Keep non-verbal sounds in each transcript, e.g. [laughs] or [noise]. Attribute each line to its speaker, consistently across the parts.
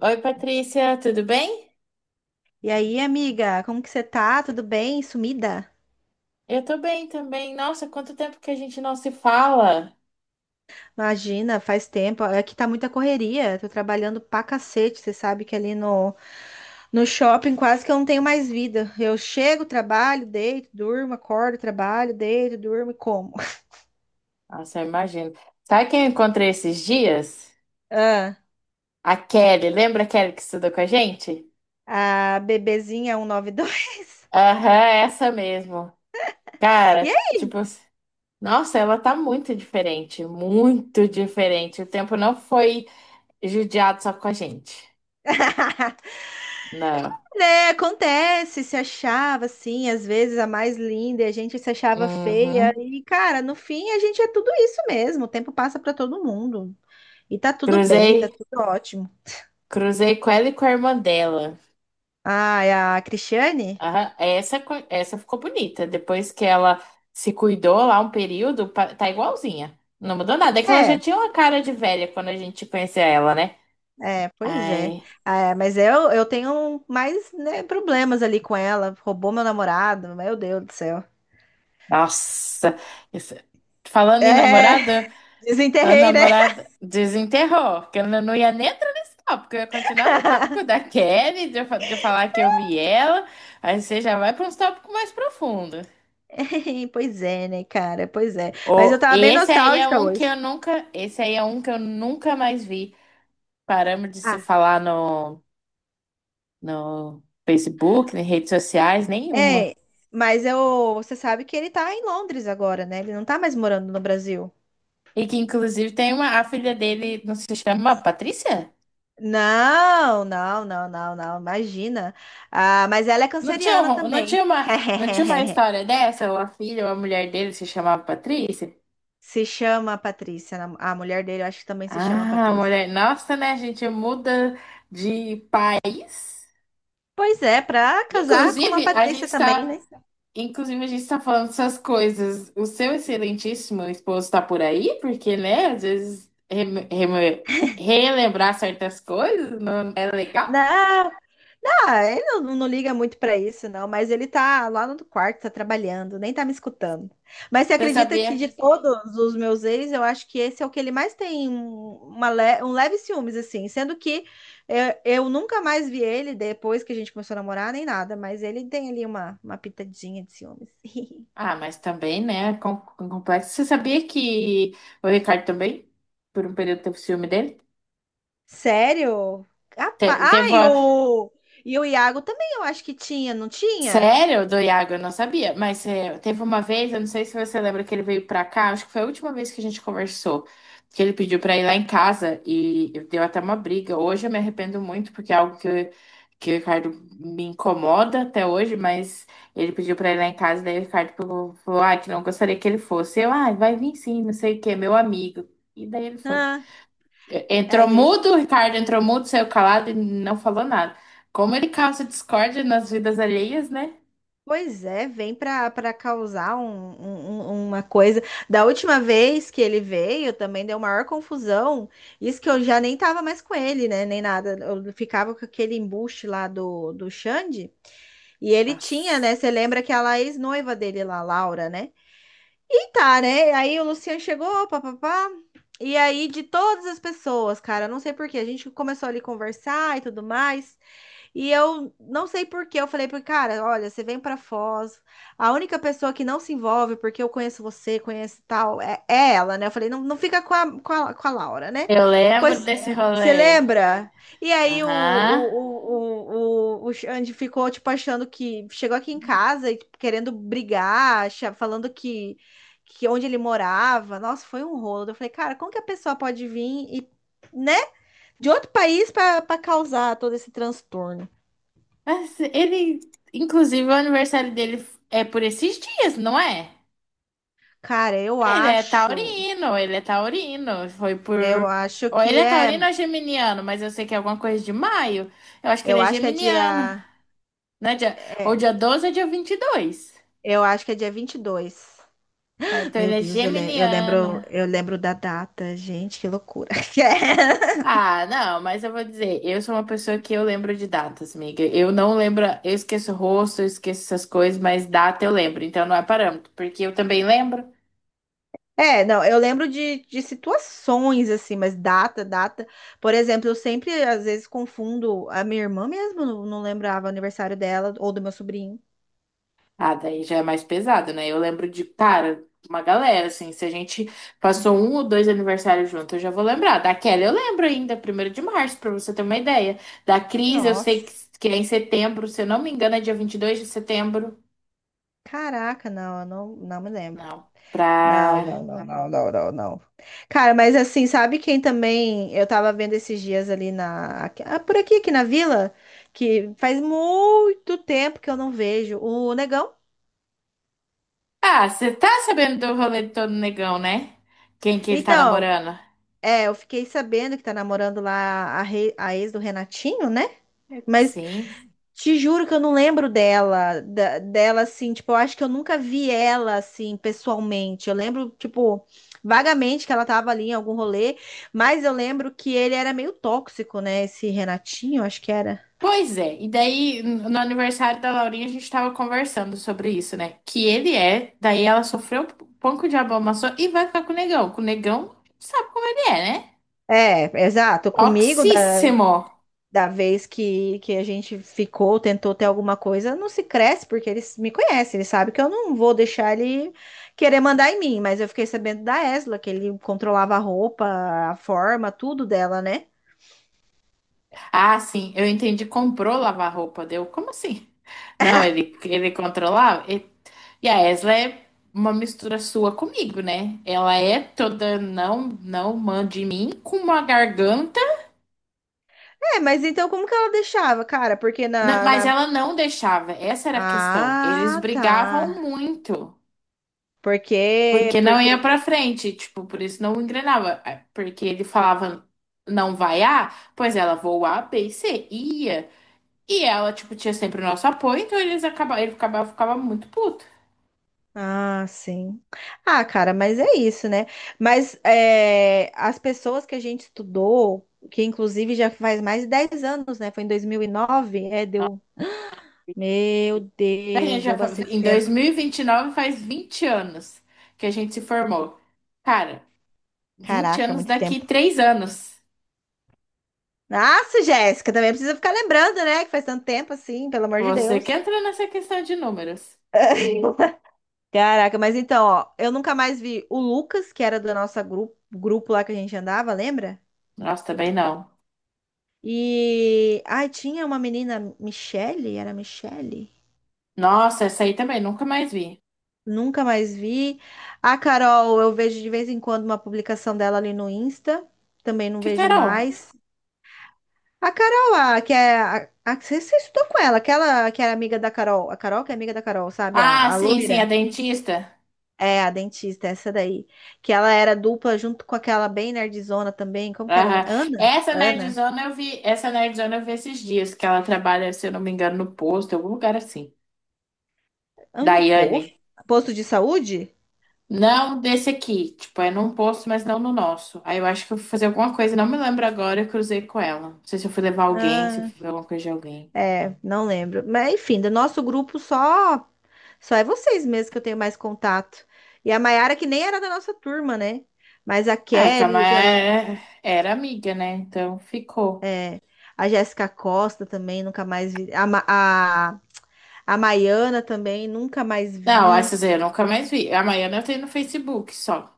Speaker 1: Oi, Patrícia, tudo bem?
Speaker 2: E aí, amiga, como que você tá? Tudo bem? Sumida?
Speaker 1: Eu tô bem também. Nossa, quanto tempo que a gente não se fala.
Speaker 2: Imagina, faz tempo. Aqui tá muita correria. Tô trabalhando pra cacete. Você sabe que ali no shopping quase que eu não tenho mais vida. Eu chego, trabalho, deito, durmo, acordo, trabalho, deito, durmo e como.
Speaker 1: Nossa, eu imagino. Sabe quem eu encontrei esses dias?
Speaker 2: [laughs]
Speaker 1: A Kelly. Lembra a Kelly que estudou com a gente?
Speaker 2: Ah, a bebezinha 192.
Speaker 1: Aham, essa mesmo.
Speaker 2: E noventa e dois. [laughs] E
Speaker 1: Cara, tipo, nossa, ela tá muito diferente, muito diferente. O tempo não foi judiado só com a gente.
Speaker 2: aí,
Speaker 1: Não.
Speaker 2: né? Acontece, se achava assim, às vezes a mais linda, e a gente se achava feia.
Speaker 1: Uhum.
Speaker 2: E, cara, no fim a gente é tudo isso mesmo. O tempo passa pra todo mundo. E tá tudo bem, tá
Speaker 1: Cruzei,
Speaker 2: tudo ótimo.
Speaker 1: cruzei com ela e com a irmã dela.
Speaker 2: Ah, é a Cristiane?
Speaker 1: Aham, essa, essa ficou bonita. Depois que ela se cuidou lá um período, tá igualzinha. Não mudou nada. É que ela
Speaker 2: É,
Speaker 1: já tinha uma cara de velha quando a gente conhecia ela, né?
Speaker 2: é, pois é.
Speaker 1: Ai,
Speaker 2: Ah, é, mas eu tenho mais, né, problemas ali com ela. Roubou meu namorado, meu Deus do céu.
Speaker 1: nossa. Isso- Falando em
Speaker 2: É,
Speaker 1: namorada, a
Speaker 2: desenterrei, né?
Speaker 1: namorada desenterrou, que eu não ia nem entrar nesse tópico, porque eu ia continuar no tópico
Speaker 2: [laughs]
Speaker 1: da Kelly, de, de eu falar que eu vi ela. Aí você já vai para uns tópicos mais profundos.
Speaker 2: Pois é, né, cara? Pois é. Mas eu
Speaker 1: Oh,
Speaker 2: tava bem
Speaker 1: esse aí é
Speaker 2: nostálgica
Speaker 1: um que
Speaker 2: hoje.
Speaker 1: eu nunca, esse aí é um que eu nunca mais vi. Paramos de se
Speaker 2: Ah,
Speaker 1: falar no Facebook, em redes sociais, nenhuma.
Speaker 2: é. Mas eu, você sabe que ele tá em Londres agora, né? Ele não tá mais morando no Brasil.
Speaker 1: E que inclusive tem uma, a filha dele, não se chama Patrícia?
Speaker 2: Não, não, não, não, não, imagina. Ah, mas ela é
Speaker 1: Não tinha,
Speaker 2: canceriana
Speaker 1: não tinha
Speaker 2: também.
Speaker 1: uma, não tinha uma
Speaker 2: [laughs]
Speaker 1: história dessa? Ou a filha ou a mulher dele se chamava Patrícia?
Speaker 2: Se chama Patrícia, a mulher dele, eu acho que também se chama
Speaker 1: Ah, a
Speaker 2: Patrícia.
Speaker 1: mulher, nossa, né? A gente muda de país.
Speaker 2: Pois é, pra casar com uma
Speaker 1: Inclusive, a gente
Speaker 2: Patrícia também,
Speaker 1: está
Speaker 2: né?
Speaker 1: Inclusive, a gente está falando essas coisas. O seu excelentíssimo esposo está por aí? Porque, né, às vezes relembrar certas coisas não é legal.
Speaker 2: Não. Ah, ele não, não liga muito pra isso, não, mas ele tá lá no quarto, tá trabalhando, nem tá me escutando. Mas você
Speaker 1: Você
Speaker 2: acredita que
Speaker 1: sabia?
Speaker 2: de todos os meus ex, eu acho que esse é o que ele mais tem um leve ciúmes, assim, sendo que é, eu, nunca mais vi ele depois que a gente começou a namorar, nem nada, mas ele tem ali uma pitadinha de ciúmes. [laughs]
Speaker 1: Ah, mas também, né, com complexo. Você sabia que o Ricardo também, por um período, teve ciúme dele?
Speaker 2: Sério? Ah,
Speaker 1: Teve.
Speaker 2: e o Iago também eu acho que tinha, não tinha?
Speaker 1: Sério, do Iago, eu não sabia. Mas é, teve uma vez, eu não sei se você lembra que ele veio pra cá, acho que foi a última vez que a gente conversou, que ele pediu pra ir lá em casa e deu até uma briga. Hoje eu me arrependo muito, porque é algo que, que o Ricardo me incomoda até hoje, mas ele pediu pra ir lá em casa, daí o Ricardo falou, falou, ah, que não gostaria que ele fosse. Eu, ah, vai vir sim, não sei o quê, meu amigo. E daí ele foi.
Speaker 2: Ah, é,
Speaker 1: Entrou
Speaker 2: gente.
Speaker 1: mudo, o Ricardo entrou mudo, saiu calado e não falou nada. Como ele causa discórdia nas vidas alheias, né?
Speaker 2: Pois é, vem para causar uma coisa. Da última vez que ele veio, também deu maior confusão. Isso que eu já nem tava mais com ele, né? Nem nada. Eu ficava com aquele embuste lá do Xande. E ele tinha,
Speaker 1: Nossa.
Speaker 2: né? Você lembra que é a ex-noiva dele lá, Laura, né? E tá, né? Aí o Luciano chegou, papapá. E aí, de todas as pessoas, cara, não sei por quê, a gente começou ali a conversar e tudo mais. E eu não sei por quê, eu falei para cara, olha, você vem para Foz, a única pessoa que não se envolve, porque eu conheço você, conheço tal, é, é ela, né? Eu falei, não, não fica com a Laura, né? Eu
Speaker 1: Eu lembro
Speaker 2: pois,
Speaker 1: desse
Speaker 2: lembro. Você
Speaker 1: rolê.
Speaker 2: lembra? E aí o,
Speaker 1: Aham.
Speaker 2: o, o, o, o o Xande ficou, tipo, achando que, chegou aqui em casa e tipo, querendo brigar, falando que onde ele morava, nossa, foi um rolo. Eu falei, cara, como que a pessoa pode vir e, né, de outro país para causar todo esse transtorno?
Speaker 1: Mas ele, inclusive, o aniversário dele é por esses dias, não é?
Speaker 2: Cara,
Speaker 1: Ele é taurino, ele é taurino. Foi
Speaker 2: eu
Speaker 1: por.
Speaker 2: acho
Speaker 1: Ou ele
Speaker 2: que
Speaker 1: é
Speaker 2: é,
Speaker 1: taurino ou geminiano, mas eu sei que é alguma coisa de maio. Eu acho que
Speaker 2: eu
Speaker 1: ele é
Speaker 2: acho que é
Speaker 1: geminiano.
Speaker 2: dia,
Speaker 1: Né? Dia... Ou
Speaker 2: é,
Speaker 1: dia 12 ou dia 22.
Speaker 2: eu acho que é dia 22.
Speaker 1: Ah, então
Speaker 2: Meu
Speaker 1: ele é
Speaker 2: Deus,
Speaker 1: geminiano.
Speaker 2: eu lembro da data, gente, que loucura. [laughs]
Speaker 1: Ah, não, mas eu vou dizer, eu sou uma pessoa que eu lembro de datas, amiga. Eu não lembro, eu esqueço o rosto, eu esqueço essas coisas, mas data eu lembro, então não é parâmetro, porque eu também lembro.
Speaker 2: É, não, eu lembro de situações assim, mas data, data. Por exemplo, eu sempre às vezes confundo a minha irmã mesmo, não, não lembrava o aniversário dela ou do meu sobrinho.
Speaker 1: Ah, daí já é mais pesado, né? Eu lembro de, cara, uma galera, assim, se a gente passou um ou dois aniversários juntos, eu já vou lembrar. Da Kelly eu lembro ainda, primeiro de março, pra você ter uma ideia. Da Cris, eu sei
Speaker 2: Nossa,
Speaker 1: que é em setembro, se eu não me engano, é dia 22 de setembro.
Speaker 2: caraca, não, eu não, não me lembro.
Speaker 1: Não,
Speaker 2: Não,
Speaker 1: pra.
Speaker 2: não, não não, não, não, não, não. Cara, mas assim, sabe quem também eu tava vendo esses dias ali por aqui, aqui na vila, que faz muito tempo que eu não vejo o Negão.
Speaker 1: Ah, você tá sabendo do rolê do todo negão, né? Quem que ele tá
Speaker 2: Então,
Speaker 1: namorando?
Speaker 2: é, eu fiquei sabendo que tá namorando lá a ex do Renatinho, né? Mas
Speaker 1: Sim.
Speaker 2: te juro que eu não lembro dela, dela assim, tipo, eu acho que eu nunca vi ela assim pessoalmente. Eu lembro, tipo, vagamente que ela tava ali em algum rolê, mas eu lembro que ele era meio tóxico, né? Esse Renatinho, acho que era.
Speaker 1: Pois é. E daí, no aniversário da Laurinha, a gente tava conversando sobre isso, né? Que ele é, daí ela sofreu um pouco de abomaçou e vai ficar com o negão. Com o negão, sabe como ele é, né?
Speaker 2: É, exato. Comigo, da,
Speaker 1: Toxíssimo.
Speaker 2: da vez que a gente ficou, tentou ter alguma coisa, não se cresce, porque eles me conhecem, eles sabem que eu não vou deixar ele querer mandar em mim, mas eu fiquei sabendo da Esla, que ele controlava a roupa, a forma, tudo dela, né?
Speaker 1: Ah, sim, eu entendi. Comprou lavar roupa, deu? Como assim? Não, ele controlava. E a Esla é uma mistura sua comigo, né? Ela é toda não, não mande em mim, com uma garganta,
Speaker 2: É, mas então como que ela deixava, cara? Porque na,
Speaker 1: mas
Speaker 2: na...
Speaker 1: ela não deixava. Essa era a questão. Eles
Speaker 2: Ah, tá.
Speaker 1: brigavam muito,
Speaker 2: Porque,
Speaker 1: porque não
Speaker 2: porque
Speaker 1: ia pra
Speaker 2: ele...
Speaker 1: frente, tipo, por isso não engrenava. É. Porque ele falava, não vai A, pois ela vou A, B e C. E ia. E ela, tipo, tinha sempre o nosso apoio, então eles acabavam, ele ficava, ficava muito puto.
Speaker 2: Ah, sim. Ah, cara, mas é isso, né? Mas é, as pessoas que a gente estudou, que inclusive já faz mais de 10 anos, né? Foi em 2009. É, deu... Meu
Speaker 1: Daí a
Speaker 2: Deus,
Speaker 1: gente já,
Speaker 2: deu bastante
Speaker 1: em dois
Speaker 2: tempo.
Speaker 1: mil e vinte e nove faz 20 anos que a gente se formou. Cara, 20
Speaker 2: Caraca,
Speaker 1: anos
Speaker 2: muito
Speaker 1: daqui
Speaker 2: tempo.
Speaker 1: 3 anos.
Speaker 2: Nossa, Jéssica, também precisa ficar lembrando, né? Que faz tanto tempo assim, pelo amor de
Speaker 1: Você que
Speaker 2: Deus.
Speaker 1: entra nessa questão de números.
Speaker 2: Caraca, mas então, ó, eu nunca mais vi o Lucas, que era do nosso grupo lá que a gente andava, lembra?
Speaker 1: Nossa, também não.
Speaker 2: E. Ai, tinha uma menina, Michele? Era Michele?
Speaker 1: Nossa, essa aí também, nunca mais vi.
Speaker 2: Nunca mais vi. A Carol, eu vejo de vez em quando uma publicação dela ali no Insta, também não
Speaker 1: Que
Speaker 2: vejo
Speaker 1: Carol?
Speaker 2: mais. A Carol, a, que é. Você, você estudou com ela, aquela que era amiga da Carol, a Carol que é amiga da Carol, sabe?
Speaker 1: Ah,
Speaker 2: A
Speaker 1: sim, sim,
Speaker 2: loira.
Speaker 1: a dentista.
Speaker 2: É, a dentista, essa daí. Que ela era dupla junto com aquela bem nerdzona também. Como que era? O nome?
Speaker 1: Aham.
Speaker 2: Ana?
Speaker 1: Essa
Speaker 2: Ana?
Speaker 1: nerdzona eu vi, essa nerdzona eu vi esses dias, que ela trabalha, se eu não me engano, no posto, em algum lugar assim.
Speaker 2: Ana Posto?
Speaker 1: Daiane.
Speaker 2: Posto de saúde?
Speaker 1: Não desse aqui. Tipo, é num posto, mas não no nosso. Aí eu acho que eu fui fazer alguma coisa, não me lembro agora, eu cruzei com ela. Não sei se eu fui levar alguém, se eu
Speaker 2: Ah,
Speaker 1: fui fazer alguma coisa de alguém.
Speaker 2: é, não lembro. Mas enfim, do nosso grupo só é vocês mesmo que eu tenho mais contato. E a Maiara, que nem era da nossa turma, né? Mas a
Speaker 1: Ah, que a
Speaker 2: Kelly, que a,
Speaker 1: Maia era amiga, né? Então ficou.
Speaker 2: é, a Jéssica Costa também, nunca mais vi. A Maiana também, nunca mais
Speaker 1: Não,
Speaker 2: vi.
Speaker 1: essas aí eu nunca mais vi. A Maiana eu tenho no Facebook só.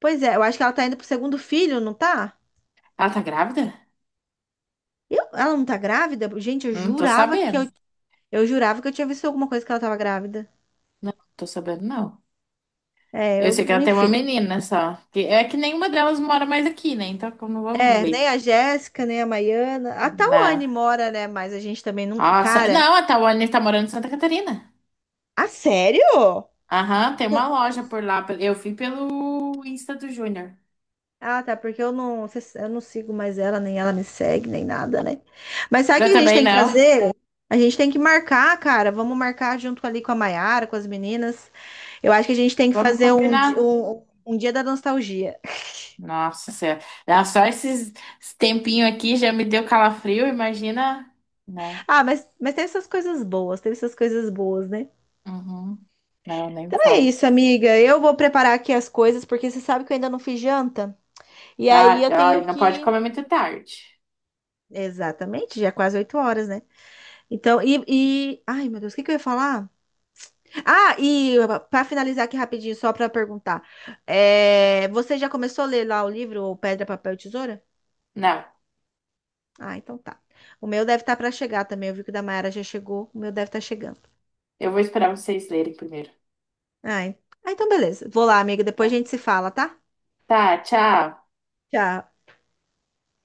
Speaker 2: Pois é, eu acho que ela tá indo pro segundo filho, não tá?
Speaker 1: Ela tá grávida?
Speaker 2: Eu, ela não tá grávida? Gente,
Speaker 1: Não tô sabendo.
Speaker 2: eu jurava que eu tinha visto alguma coisa que ela tava grávida.
Speaker 1: Não, não tô sabendo, não.
Speaker 2: É,
Speaker 1: Eu
Speaker 2: eu,
Speaker 1: sei que ela tem uma
Speaker 2: enfim.
Speaker 1: menina só. Que- É que nenhuma delas mora mais aqui, né? Então como vamos
Speaker 2: É, nem
Speaker 1: ver.
Speaker 2: a Jéssica, nem a Maiana. A Tawane
Speaker 1: Na...
Speaker 2: mora, né? Mas a gente também não.
Speaker 1: Nossa,
Speaker 2: Cara,
Speaker 1: não, a Tawane tá morando em Santa Catarina.
Speaker 2: a sério?
Speaker 1: Aham, tem uma loja por lá. Eu fui pelo Insta do Júnior.
Speaker 2: Ah, tá, porque eu não sigo mais ela, nem ela me segue, nem nada, né? Mas sabe o
Speaker 1: Eu
Speaker 2: que a gente
Speaker 1: também
Speaker 2: tem que
Speaker 1: não.
Speaker 2: fazer? A gente tem que marcar, cara. Vamos marcar junto ali com a Maiara, com as meninas. Eu acho que a gente tem que
Speaker 1: Vamos
Speaker 2: fazer
Speaker 1: combinar.
Speaker 2: um dia da nostalgia.
Speaker 1: Nossa Senhora. Dá Só esses esse tempinho aqui já me deu calafrio, imagina. Não.
Speaker 2: Ah, mas teve essas coisas boas, teve essas coisas boas, né?
Speaker 1: Uhum. Não, nem me
Speaker 2: Então é
Speaker 1: fala.
Speaker 2: isso, amiga. Eu vou preparar aqui as coisas, porque você sabe que eu ainda não fiz janta. E aí
Speaker 1: Ah,
Speaker 2: eu
Speaker 1: olha,
Speaker 2: tenho
Speaker 1: não pode
Speaker 2: que.
Speaker 1: comer muito tarde.
Speaker 2: Exatamente, já é quase 8 horas, né? Então, ai, meu Deus, o que que eu ia falar? Ah, e para finalizar aqui rapidinho, só para perguntar. É, você já começou a ler lá o livro o Pedra, Papel e Tesoura?
Speaker 1: Não.
Speaker 2: Ah, então tá. O meu deve estar para chegar também. Eu vi que o da Mayara já chegou. O meu deve estar chegando.
Speaker 1: Eu vou esperar vocês lerem primeiro.
Speaker 2: Ai. Ah, então beleza. Vou lá, amiga.
Speaker 1: Tá.
Speaker 2: Depois a gente se fala, tá?
Speaker 1: Tá, tchau.
Speaker 2: Tchau.